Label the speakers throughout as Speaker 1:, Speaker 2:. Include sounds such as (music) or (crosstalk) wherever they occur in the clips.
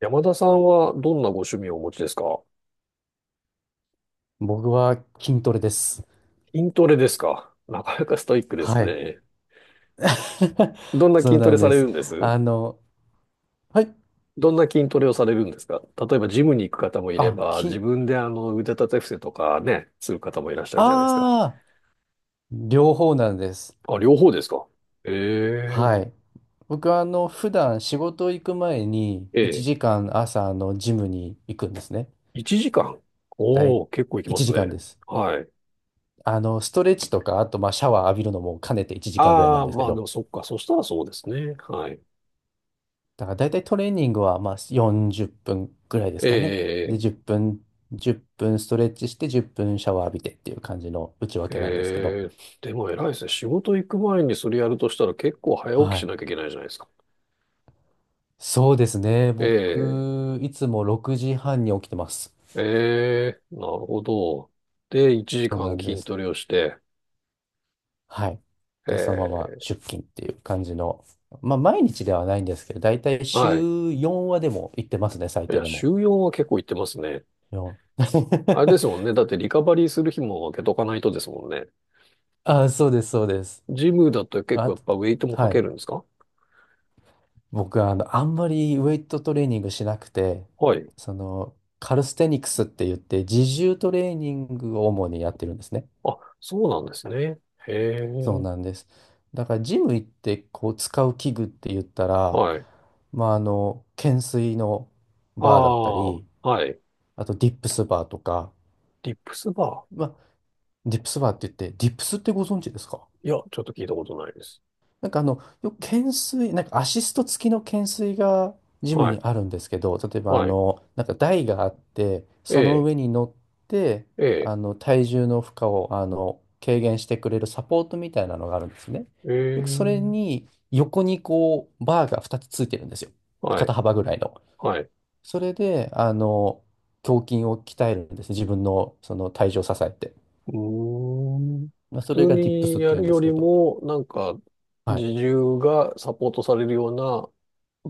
Speaker 1: 山田さんはどんなご趣味をお持ちですか？
Speaker 2: 僕は筋トレです。
Speaker 1: 筋トレですか。なかなかストイックです
Speaker 2: はい。
Speaker 1: ね。
Speaker 2: (laughs)
Speaker 1: どんな
Speaker 2: そう
Speaker 1: 筋ト
Speaker 2: な
Speaker 1: レ
Speaker 2: ん
Speaker 1: さ
Speaker 2: で
Speaker 1: れ
Speaker 2: す。
Speaker 1: るんです、
Speaker 2: あの、はい。
Speaker 1: どんな筋トレをされるんですか？例えばジムに行く方もいれ
Speaker 2: あ、
Speaker 1: ば、自
Speaker 2: 筋、
Speaker 1: 分で腕立て伏せとかね、する方もいらっしゃるじゃないですか。
Speaker 2: ああ、両方なんです。
Speaker 1: あ、両方ですか？ええ、
Speaker 2: はい。僕は普段仕事行く前に1
Speaker 1: え
Speaker 2: 時間朝のジムに行くんですね。
Speaker 1: 1時間。
Speaker 2: だ
Speaker 1: お
Speaker 2: い
Speaker 1: お、結構行きま
Speaker 2: 1
Speaker 1: す
Speaker 2: 時間
Speaker 1: ね。
Speaker 2: です。
Speaker 1: はい。
Speaker 2: ストレッチとか、あとまあシャワー浴びるのも兼ねて1時間ぐらいな
Speaker 1: あ
Speaker 2: ん
Speaker 1: あ、
Speaker 2: ですけ
Speaker 1: まあで
Speaker 2: ど。
Speaker 1: もそっか。そしたらそうですね。はい。
Speaker 2: だから大体トレーニングはまあ40分ぐらいです
Speaker 1: え
Speaker 2: かね。で、
Speaker 1: え、え
Speaker 2: 10
Speaker 1: え
Speaker 2: 分、1分ストレッチして10分シャワー浴びてっていう感じの内訳なんですけど。
Speaker 1: ええでも偉いですね。仕事行く前にそれやるとしたら結構早起き
Speaker 2: は
Speaker 1: し
Speaker 2: い。
Speaker 1: なきゃいけないじゃないですか。
Speaker 2: そうですね。
Speaker 1: ええ
Speaker 2: 僕、いつも6時半に起きてます。
Speaker 1: ええなるほど。で、1
Speaker 2: そう
Speaker 1: 時
Speaker 2: な
Speaker 1: 間
Speaker 2: んで
Speaker 1: 筋
Speaker 2: す。
Speaker 1: トレをして、
Speaker 2: はい。で、そのまま
Speaker 1: ええ、
Speaker 2: 出勤っていう感じの。まあ、毎日ではないんですけど、大体
Speaker 1: はい。
Speaker 2: 週4はでも行ってますね、最
Speaker 1: い
Speaker 2: 低
Speaker 1: や、
Speaker 2: で
Speaker 1: 週
Speaker 2: も。
Speaker 1: 4は結構行ってますね。
Speaker 2: 4。
Speaker 1: あれで
Speaker 2: (laughs)
Speaker 1: すもんね。だってリカバリーする日も開けとかないとですもんね。
Speaker 2: あ、そうです、そうです。
Speaker 1: ジムだと結構
Speaker 2: あ、
Speaker 1: やっぱウェイトもか
Speaker 2: は
Speaker 1: け
Speaker 2: い。
Speaker 1: るんですか？
Speaker 2: 僕はあんまりウェイトトレーニングしなくて、
Speaker 1: はい。
Speaker 2: その、カルステニクスって言って、自重トレーニングを主にやってるんですね。
Speaker 1: あ、そうなんですね。へ
Speaker 2: そう
Speaker 1: え。
Speaker 2: なんです。だから、ジム行って、こう、使う器具って言ったら、
Speaker 1: はい。
Speaker 2: まあ、懸垂の
Speaker 1: あ
Speaker 2: バーだったり、
Speaker 1: あ、はい。
Speaker 2: あと、ディップスバーとか、
Speaker 1: リップスバ
Speaker 2: まあ、ディップスバーって言って、ディップスってご存知ですか？
Speaker 1: ー。いや、ちょっと聞いたことないです。
Speaker 2: なんかあの、よく懸垂、なんかアシスト付きの懸垂がジム
Speaker 1: はい。
Speaker 2: にあるんですけど、例えば
Speaker 1: はい。
Speaker 2: なんか台があって、
Speaker 1: え
Speaker 2: その
Speaker 1: え、
Speaker 2: 上に乗って、
Speaker 1: ええ、
Speaker 2: 体重の負荷を、軽減してくれるサポートみたいなのがあるんですね。
Speaker 1: え
Speaker 2: で、それ
Speaker 1: え、
Speaker 2: に横にこう、バーが2つついてるんですよ。
Speaker 1: は
Speaker 2: 肩
Speaker 1: い、
Speaker 2: 幅ぐらいの。
Speaker 1: はい。
Speaker 2: それで、胸筋を鍛えるんですね。自分のその体重を支えて。
Speaker 1: うーん。
Speaker 2: まあ、
Speaker 1: 普
Speaker 2: そ
Speaker 1: 通
Speaker 2: れがディップ
Speaker 1: に
Speaker 2: スって
Speaker 1: や
Speaker 2: 言うん
Speaker 1: る
Speaker 2: で
Speaker 1: よ
Speaker 2: すけ
Speaker 1: り
Speaker 2: ど。
Speaker 1: も、なんか、
Speaker 2: はい。
Speaker 1: 自重がサポートされるような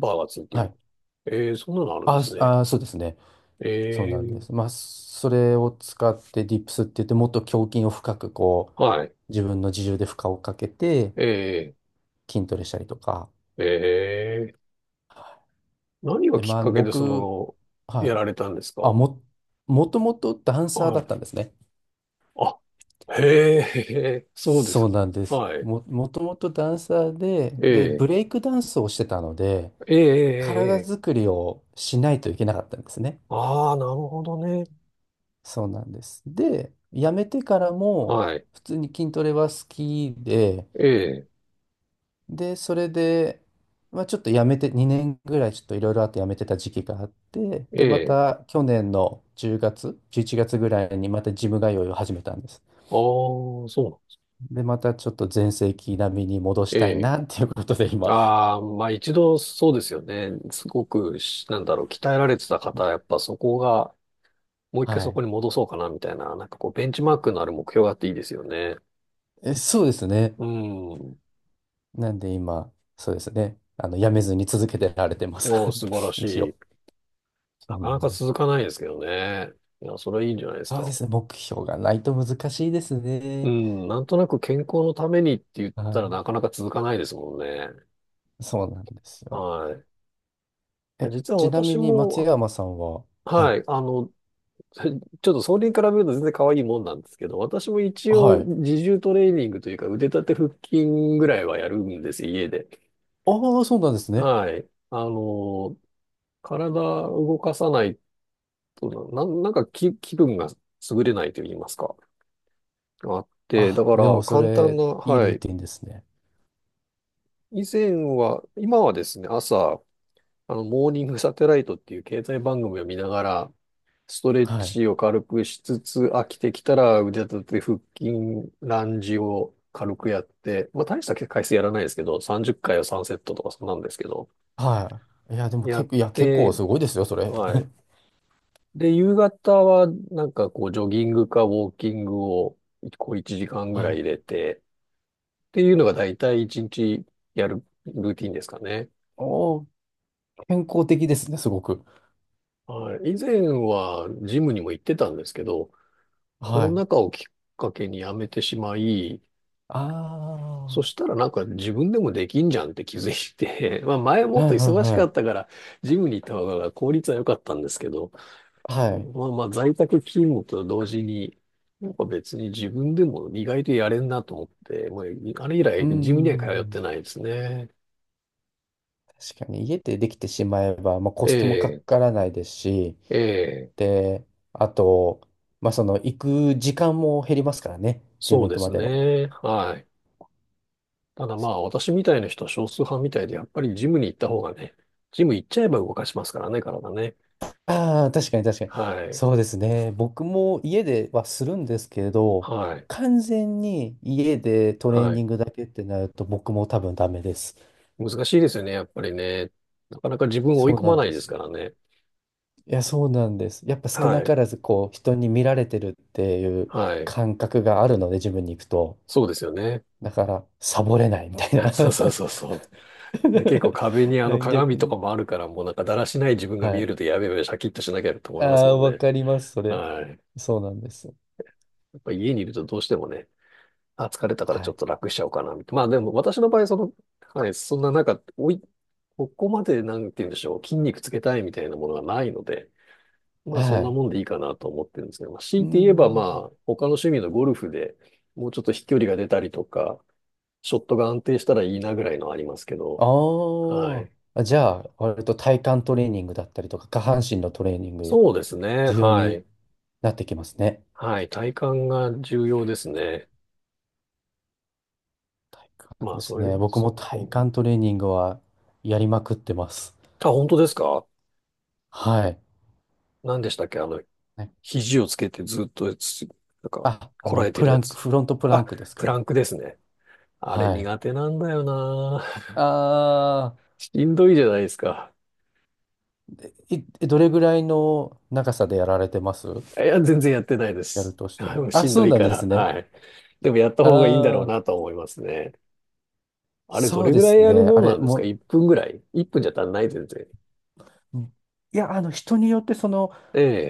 Speaker 1: バーがついて
Speaker 2: は
Speaker 1: る。
Speaker 2: い。
Speaker 1: ええ、そんなのあるんですね。
Speaker 2: そうですね。そう
Speaker 1: え
Speaker 2: なんで
Speaker 1: え、
Speaker 2: す。まあ、それを使ってディップスって言って、もっと胸筋を深くこう、
Speaker 1: はい、
Speaker 2: 自分の自重で負荷をかけて
Speaker 1: ええ、
Speaker 2: 筋トレしたりとか。
Speaker 1: ええ、何が
Speaker 2: で、
Speaker 1: き
Speaker 2: ま
Speaker 1: っ
Speaker 2: あ、あ
Speaker 1: か
Speaker 2: の
Speaker 1: けでそ
Speaker 2: 僕、
Speaker 1: の、
Speaker 2: は
Speaker 1: や
Speaker 2: い。
Speaker 1: られたんです
Speaker 2: あ、
Speaker 1: か？
Speaker 2: も、もともとダンサー
Speaker 1: は
Speaker 2: だっ
Speaker 1: い。
Speaker 2: たんですね。
Speaker 1: あ、へえ、そうで
Speaker 2: そう
Speaker 1: す。
Speaker 2: なんです。
Speaker 1: はい。
Speaker 2: もともとダンサーで、
Speaker 1: ええ、
Speaker 2: ブレイクダンスをしてたので、
Speaker 1: ええ、
Speaker 2: 体
Speaker 1: ええ、
Speaker 2: 作りをしないといけなかったんですね。
Speaker 1: ああー、なるほどね。
Speaker 2: そうなんです。で、辞めてからも、
Speaker 1: はい。
Speaker 2: 普通に筋トレは好きで、
Speaker 1: ええ、
Speaker 2: それで、まあ、ちょっとやめて、2年ぐらいちょっといろいろあってやめてた時期があって、
Speaker 1: え
Speaker 2: で、ま
Speaker 1: え。
Speaker 2: た去年の10月、11月ぐらいにまたジム通いを始めたんです。
Speaker 1: ああ、そうなん、
Speaker 2: で、またちょっと全盛期並みに戻し
Speaker 1: え
Speaker 2: たい
Speaker 1: え。
Speaker 2: なっていうことで今、
Speaker 1: ああ、まあ一度そうですよね。すごくし、なんだろう、鍛えられてた方は、やっぱそこが、もう一回
Speaker 2: は
Speaker 1: そ
Speaker 2: い。
Speaker 1: こに戻そうかな、みたいな、なんかこう、ベンチマークのある目標があっていいですよね。
Speaker 2: え、そうですね。
Speaker 1: うん。
Speaker 2: なんで今、そうですね。やめずに続けてられてます。
Speaker 1: おー、素晴ら
Speaker 2: (laughs)
Speaker 1: し
Speaker 2: 一
Speaker 1: い。
Speaker 2: 応。そ
Speaker 1: な
Speaker 2: うな
Speaker 1: かな
Speaker 2: ん
Speaker 1: か
Speaker 2: です。
Speaker 1: 続かないですけどね。いや、それはいいんじゃないです
Speaker 2: そう
Speaker 1: か。
Speaker 2: ですね。目標がないと難しいです
Speaker 1: う
Speaker 2: ね。
Speaker 1: ん、なんとなく健康のためにって言ったらな
Speaker 2: は
Speaker 1: かなか続かないですもんね。
Speaker 2: い。そうなんですよ。
Speaker 1: はい。
Speaker 2: え、
Speaker 1: 実は
Speaker 2: ちなみ
Speaker 1: 私
Speaker 2: に松
Speaker 1: も、
Speaker 2: 山さんは、はい
Speaker 1: はい、ちょっとそれに比べると全然可愛いもんなんですけど、私も一応
Speaker 2: はい。
Speaker 1: 自重トレーニングというか腕立て腹筋ぐらいはやるんです、家で。
Speaker 2: ああ、そうなんですね。
Speaker 1: はい。体動かさないとなんか気分が優れないと言いますか。あって、だ
Speaker 2: あ、
Speaker 1: か
Speaker 2: で
Speaker 1: ら
Speaker 2: もそ
Speaker 1: 簡単
Speaker 2: れ、
Speaker 1: な、
Speaker 2: いい
Speaker 1: は
Speaker 2: ルー
Speaker 1: い。
Speaker 2: ティンですね。
Speaker 1: 以前は、今はですね、朝、モーニングサテライトっていう経済番組を見ながら、ストレッ
Speaker 2: はい。
Speaker 1: チを軽くしつつ、飽きてきたら腕立て、腹筋、ランジを軽くやって、まあ大した回数やらないですけど、30回を3セットとかそんなんですけど、
Speaker 2: はい。いや、でも
Speaker 1: や
Speaker 2: 結
Speaker 1: っ
Speaker 2: 構、いや、結構
Speaker 1: て、
Speaker 2: すごいですよ、それ。
Speaker 1: はい。
Speaker 2: (laughs)
Speaker 1: で、夕方はなんかこうジョギングかウォーキングをこう1時間ぐら
Speaker 2: は
Speaker 1: い
Speaker 2: い。
Speaker 1: 入れて、っていうのが大体1日やるルーティンですかね。
Speaker 2: おお、健康的ですね、すごく。
Speaker 1: はい。以前はジムにも行ってたんですけど、コ
Speaker 2: は
Speaker 1: ロナ
Speaker 2: い。
Speaker 1: 禍をきっかけにやめてしまい、
Speaker 2: あ
Speaker 1: そしたらなんか自分でもできんじゃんって気づいて、(laughs) まあ前
Speaker 2: あ、
Speaker 1: もっ
Speaker 2: は
Speaker 1: と
Speaker 2: い
Speaker 1: 忙しか
Speaker 2: は
Speaker 1: ったから、ジムに行った方が効率は良かったんですけど、
Speaker 2: いはい。はい。
Speaker 1: まあまあ在宅勤務と同時に、なんか別に自分でも意外とやれんなと思って、もうあれ以
Speaker 2: う
Speaker 1: 来ジムには通っ
Speaker 2: ん。
Speaker 1: てないですね。
Speaker 2: 確かに、家でできてしまえば、まあ、コ
Speaker 1: え
Speaker 2: ストもか
Speaker 1: え、
Speaker 2: からないですし、
Speaker 1: ええ、
Speaker 2: で、あと、まあ、その、行く時間も減りますからね、ジ
Speaker 1: そ
Speaker 2: ム
Speaker 1: う
Speaker 2: 行
Speaker 1: で
Speaker 2: くま
Speaker 1: す
Speaker 2: での。
Speaker 1: ね。はい。ただまあ私みたいな人は少数派みたいで、やっぱりジムに行った方がね、ジム行っちゃえば動かしますからね、体ね。
Speaker 2: ああ、確かに確かに。
Speaker 1: はい。
Speaker 2: そうですね。僕も家ではするんですけれど、
Speaker 1: はい。
Speaker 2: 完全に家でトレー
Speaker 1: は
Speaker 2: ニ
Speaker 1: い。
Speaker 2: ングだけってなると僕も多分ダメです。
Speaker 1: 難しいですよね、やっぱりね。なかなか自分を追い
Speaker 2: そう
Speaker 1: 込
Speaker 2: な
Speaker 1: ま
Speaker 2: ん
Speaker 1: ない
Speaker 2: で
Speaker 1: です
Speaker 2: す
Speaker 1: から
Speaker 2: よ。
Speaker 1: ね。
Speaker 2: いや、そうなんです。やっぱ少
Speaker 1: は
Speaker 2: な
Speaker 1: い。
Speaker 2: からずこう人に見られてるっていう
Speaker 1: はい。
Speaker 2: 感覚があるので自分に行くと。
Speaker 1: そうですよね。
Speaker 2: だからサボれないみたいな。
Speaker 1: (laughs) そうそうそうそう。で、結構壁に
Speaker 2: (laughs)
Speaker 1: 鏡
Speaker 2: 逆
Speaker 1: とか
Speaker 2: に。
Speaker 1: もあるから、もうなんかだらしない自分が
Speaker 2: は
Speaker 1: 見え
Speaker 2: い。
Speaker 1: るとやべやべシャキッとしなきゃと思
Speaker 2: あ
Speaker 1: います
Speaker 2: あ、
Speaker 1: もん
Speaker 2: わ
Speaker 1: ね。
Speaker 2: かります、それ。
Speaker 1: はい。
Speaker 2: そうなんです。
Speaker 1: やっぱ家にいるとどうしてもね、あ、疲れたから
Speaker 2: は
Speaker 1: ちょっ
Speaker 2: い。
Speaker 1: と楽しちゃおうかな、みたいな。まあでも私の場合、その、はい、そんななんか、おい、ここまでなんて言うんでしょう、筋肉つけたいみたいなものがないので、まあそ
Speaker 2: は
Speaker 1: んな
Speaker 2: い。
Speaker 1: もんでいいかなと思ってるんですね。まあ、
Speaker 2: う
Speaker 1: 強いて言えば、ま
Speaker 2: ん。
Speaker 1: あ他の趣味のゴルフでもうちょっと飛距離が出たりとか、ショットが安定したらいいなぐらいのありますけど。は
Speaker 2: あ
Speaker 1: い。
Speaker 2: あ、じゃあ、割と体幹トレーニングだったりとか、下半身のトレーニング、
Speaker 1: そうですね。
Speaker 2: 重要
Speaker 1: は
Speaker 2: に
Speaker 1: い。
Speaker 2: なってきますね。
Speaker 1: はい。体幹が重要ですね。
Speaker 2: 体幹
Speaker 1: まあ
Speaker 2: で
Speaker 1: そ
Speaker 2: す
Speaker 1: うい
Speaker 2: ね。
Speaker 1: う、
Speaker 2: 僕も
Speaker 1: そう、
Speaker 2: 体
Speaker 1: うん。
Speaker 2: 幹トレーニングはやりまくってます。
Speaker 1: あ、本当ですか？
Speaker 2: はい。
Speaker 1: 何でしたっけ、
Speaker 2: ね
Speaker 1: 肘をつけてずっとつ、なんか、
Speaker 2: あ、
Speaker 1: こらえて
Speaker 2: プ
Speaker 1: る
Speaker 2: ラ
Speaker 1: や
Speaker 2: ンク、
Speaker 1: つ。
Speaker 2: フロントプラン
Speaker 1: あ、
Speaker 2: クですか
Speaker 1: プラ
Speaker 2: ね。
Speaker 1: ンクですね。あれ
Speaker 2: はい。
Speaker 1: 苦手なんだよな。(laughs)
Speaker 2: ああ、
Speaker 1: しんどいじゃないですか。
Speaker 2: どれぐらいの長さでやられてます？
Speaker 1: いや、全然やってないで
Speaker 2: やる
Speaker 1: す。
Speaker 2: と
Speaker 1: (laughs)
Speaker 2: したら。あ、
Speaker 1: しん
Speaker 2: そ
Speaker 1: ど
Speaker 2: う
Speaker 1: い
Speaker 2: なん
Speaker 1: か
Speaker 2: で
Speaker 1: ら。
Speaker 2: すね。
Speaker 1: はい。でもやった方がいいんだろう
Speaker 2: あ
Speaker 1: な
Speaker 2: あ、
Speaker 1: とは思いますね。あれ、ど
Speaker 2: そう
Speaker 1: れ
Speaker 2: で
Speaker 1: ぐらい
Speaker 2: す
Speaker 1: やる
Speaker 2: ね。
Speaker 1: も
Speaker 2: あ
Speaker 1: んな
Speaker 2: れ、
Speaker 1: んですか？ 1 分ぐらい？ 1 分じゃ足んない、全然。
Speaker 2: いや、人によって、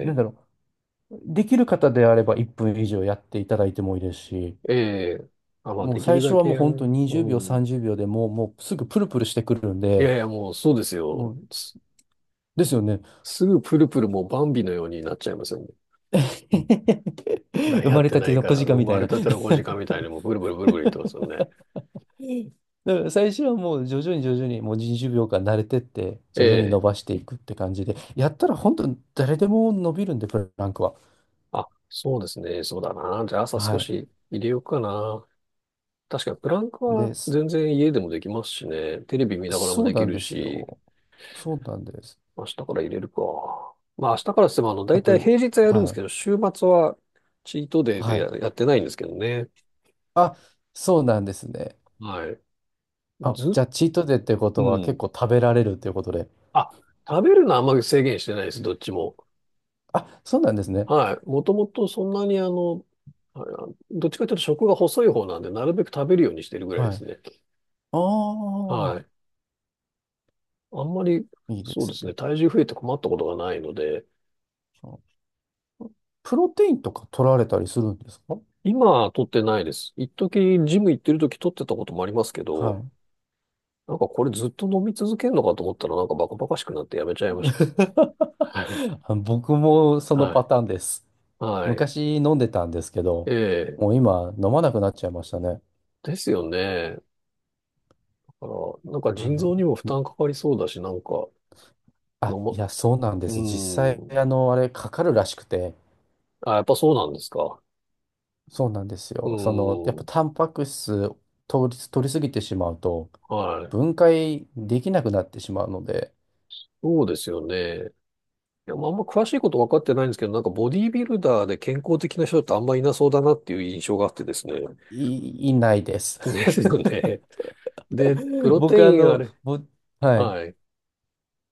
Speaker 2: なんだろうできる方であれば1分以上やっていただいてもいいですし、
Speaker 1: ええ。あ、まあ、
Speaker 2: もう
Speaker 1: できる
Speaker 2: 最初
Speaker 1: だ
Speaker 2: は
Speaker 1: け
Speaker 2: もう
Speaker 1: や
Speaker 2: 本当
Speaker 1: る。う
Speaker 2: 20秒、
Speaker 1: ん。
Speaker 2: 30秒でもう、もうすぐプルプルしてくるん
Speaker 1: いや
Speaker 2: で、
Speaker 1: いや、もうそうですよ。
Speaker 2: もう、
Speaker 1: す、
Speaker 2: ですよね。
Speaker 1: すぐプルプルもうバンビのようになっちゃいますよね。だ
Speaker 2: (laughs)
Speaker 1: から
Speaker 2: 生
Speaker 1: やっ
Speaker 2: まれ
Speaker 1: て
Speaker 2: た
Speaker 1: な
Speaker 2: て
Speaker 1: い
Speaker 2: の
Speaker 1: から、
Speaker 2: 小鹿
Speaker 1: 生
Speaker 2: みた
Speaker 1: ま
Speaker 2: い
Speaker 1: れ
Speaker 2: な。
Speaker 1: たての5時間
Speaker 2: (laughs)
Speaker 1: みたいにもうブルブルブルブル言ってますよね。
Speaker 2: だから最初はもう徐々に徐々にもう20秒間慣れてって、
Speaker 1: え
Speaker 2: 徐々に伸
Speaker 1: え。
Speaker 2: ばしていくって感じで、やったら本当に誰でも伸びるんで、プランクは。
Speaker 1: あ、そうですね。そうだな。じゃあ朝
Speaker 2: は
Speaker 1: 少
Speaker 2: い。
Speaker 1: し入れようかな。確かにプランク
Speaker 2: で、
Speaker 1: は
Speaker 2: そ
Speaker 1: 全然家でもできますしね。テレビ見ながらも
Speaker 2: そう
Speaker 1: でき
Speaker 2: なん
Speaker 1: る
Speaker 2: です
Speaker 1: し、
Speaker 2: よ。そうなんです。
Speaker 1: 明日から入れるか。まあ明日からしても
Speaker 2: あ
Speaker 1: 大
Speaker 2: と、
Speaker 1: 体平日はやるんで
Speaker 2: は
Speaker 1: すけ
Speaker 2: い。
Speaker 1: ど、週末はチートデイで
Speaker 2: はい。
Speaker 1: やってないんですけどね。
Speaker 2: あ、そうなんですね。
Speaker 1: はい。
Speaker 2: あ、じ
Speaker 1: ず、
Speaker 2: ゃあ、チートデイってこ
Speaker 1: う
Speaker 2: とは結
Speaker 1: ん。
Speaker 2: 構食べられるということで。
Speaker 1: あ、食べるのはあんまり制限してないです、どっちも。
Speaker 2: あ、そうなんですね。
Speaker 1: はい。もともとそんなにあどっちかというと食が細い方なんで、なるべく食べるようにしてるぐらいで
Speaker 2: は
Speaker 1: す
Speaker 2: い。
Speaker 1: ね。
Speaker 2: ああ、
Speaker 1: はい。あんまり、
Speaker 2: いいで
Speaker 1: そうで
Speaker 2: す
Speaker 1: すね、
Speaker 2: ね。
Speaker 1: 体重増えて困ったことがないので、
Speaker 2: そう、プロテインとか取られたりするんですか？
Speaker 1: 今、取ってないです。一時、ジム行ってる時取ってたこともありますけ
Speaker 2: は
Speaker 1: ど、
Speaker 2: い。
Speaker 1: なんかこれずっと飲み続けるのかと思ったら、なんかバカバカしくなってやめちゃいまし
Speaker 2: (laughs)
Speaker 1: た。はい。
Speaker 2: あ、僕もその
Speaker 1: は
Speaker 2: パ
Speaker 1: い。
Speaker 2: ターンです。
Speaker 1: はい。
Speaker 2: 昔飲んでたんですけど、
Speaker 1: ええ。
Speaker 2: もう今飲まなくなっちゃいましたね。
Speaker 1: ですよね。だから、なんか
Speaker 2: あ
Speaker 1: 腎臓
Speaker 2: の、
Speaker 1: にも負担かかりそうだし、なんか、飲ま、
Speaker 2: い
Speaker 1: う
Speaker 2: や、そうなんで
Speaker 1: ー
Speaker 2: す。実際、あ
Speaker 1: ん。
Speaker 2: の、あれ、かかるらしくて、
Speaker 1: あ、やっぱそうなんですか。
Speaker 2: そうなんです
Speaker 1: う
Speaker 2: よ。その、やっ
Speaker 1: ー
Speaker 2: ぱ
Speaker 1: ん。
Speaker 2: タンパク質取りすぎてしまうと、
Speaker 1: はい。
Speaker 2: 分解できなくなってしまうので、
Speaker 1: そうですよね。いや、まあ、あんま詳しいこと分かってないんですけど、なんかボディービルダーで健康的な人ってあんまいなそうだなっていう印象があってですね。
Speaker 2: いないです。
Speaker 1: (laughs) ですよね。で、プ
Speaker 2: (laughs)
Speaker 1: ロテ
Speaker 2: 僕、あ
Speaker 1: インあ
Speaker 2: の、
Speaker 1: れ。
Speaker 2: ぼ、はい、
Speaker 1: はい。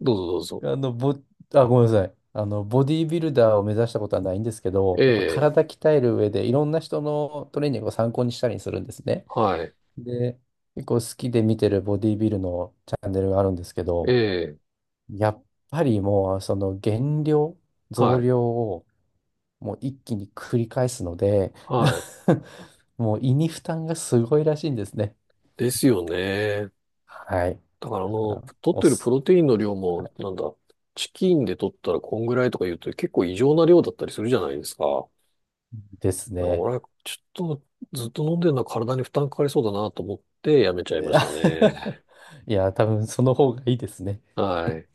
Speaker 1: どうぞどうぞ。
Speaker 2: あの、ぼ、あ、ごめんなさい。ボディービルダーを目指したことはないんですけ
Speaker 1: え
Speaker 2: ど、やっぱ
Speaker 1: え、
Speaker 2: 体鍛える上で、いろんな人のトレーニングを参考にしたりするんですね。
Speaker 1: はい。
Speaker 2: で、結構好きで見てるボディービルのチャンネルがあるんですけ
Speaker 1: え
Speaker 2: ど、
Speaker 1: え、
Speaker 2: やっぱりもう、その減量、増
Speaker 1: はい。
Speaker 2: 量をもう一気に繰り返すので
Speaker 1: はい。
Speaker 2: (laughs) もう胃に負担がすごいらしいんですね。
Speaker 1: ですよね。
Speaker 2: はい。
Speaker 1: だから
Speaker 2: だか
Speaker 1: も
Speaker 2: ら、
Speaker 1: う、取っ
Speaker 2: お
Speaker 1: てるプ
Speaker 2: す、
Speaker 1: ロテインの量も、
Speaker 2: は
Speaker 1: なんだ、チキンで取ったらこんぐらいとか言うと結構異常な量だったりするじゃないですか。
Speaker 2: いですね。
Speaker 1: 俺はちょっとずっと飲んでるのは体に負担かかりそうだなと思ってやめちゃい
Speaker 2: (laughs)
Speaker 1: ましたね。
Speaker 2: いや、多分その方がいいですね。
Speaker 1: はい。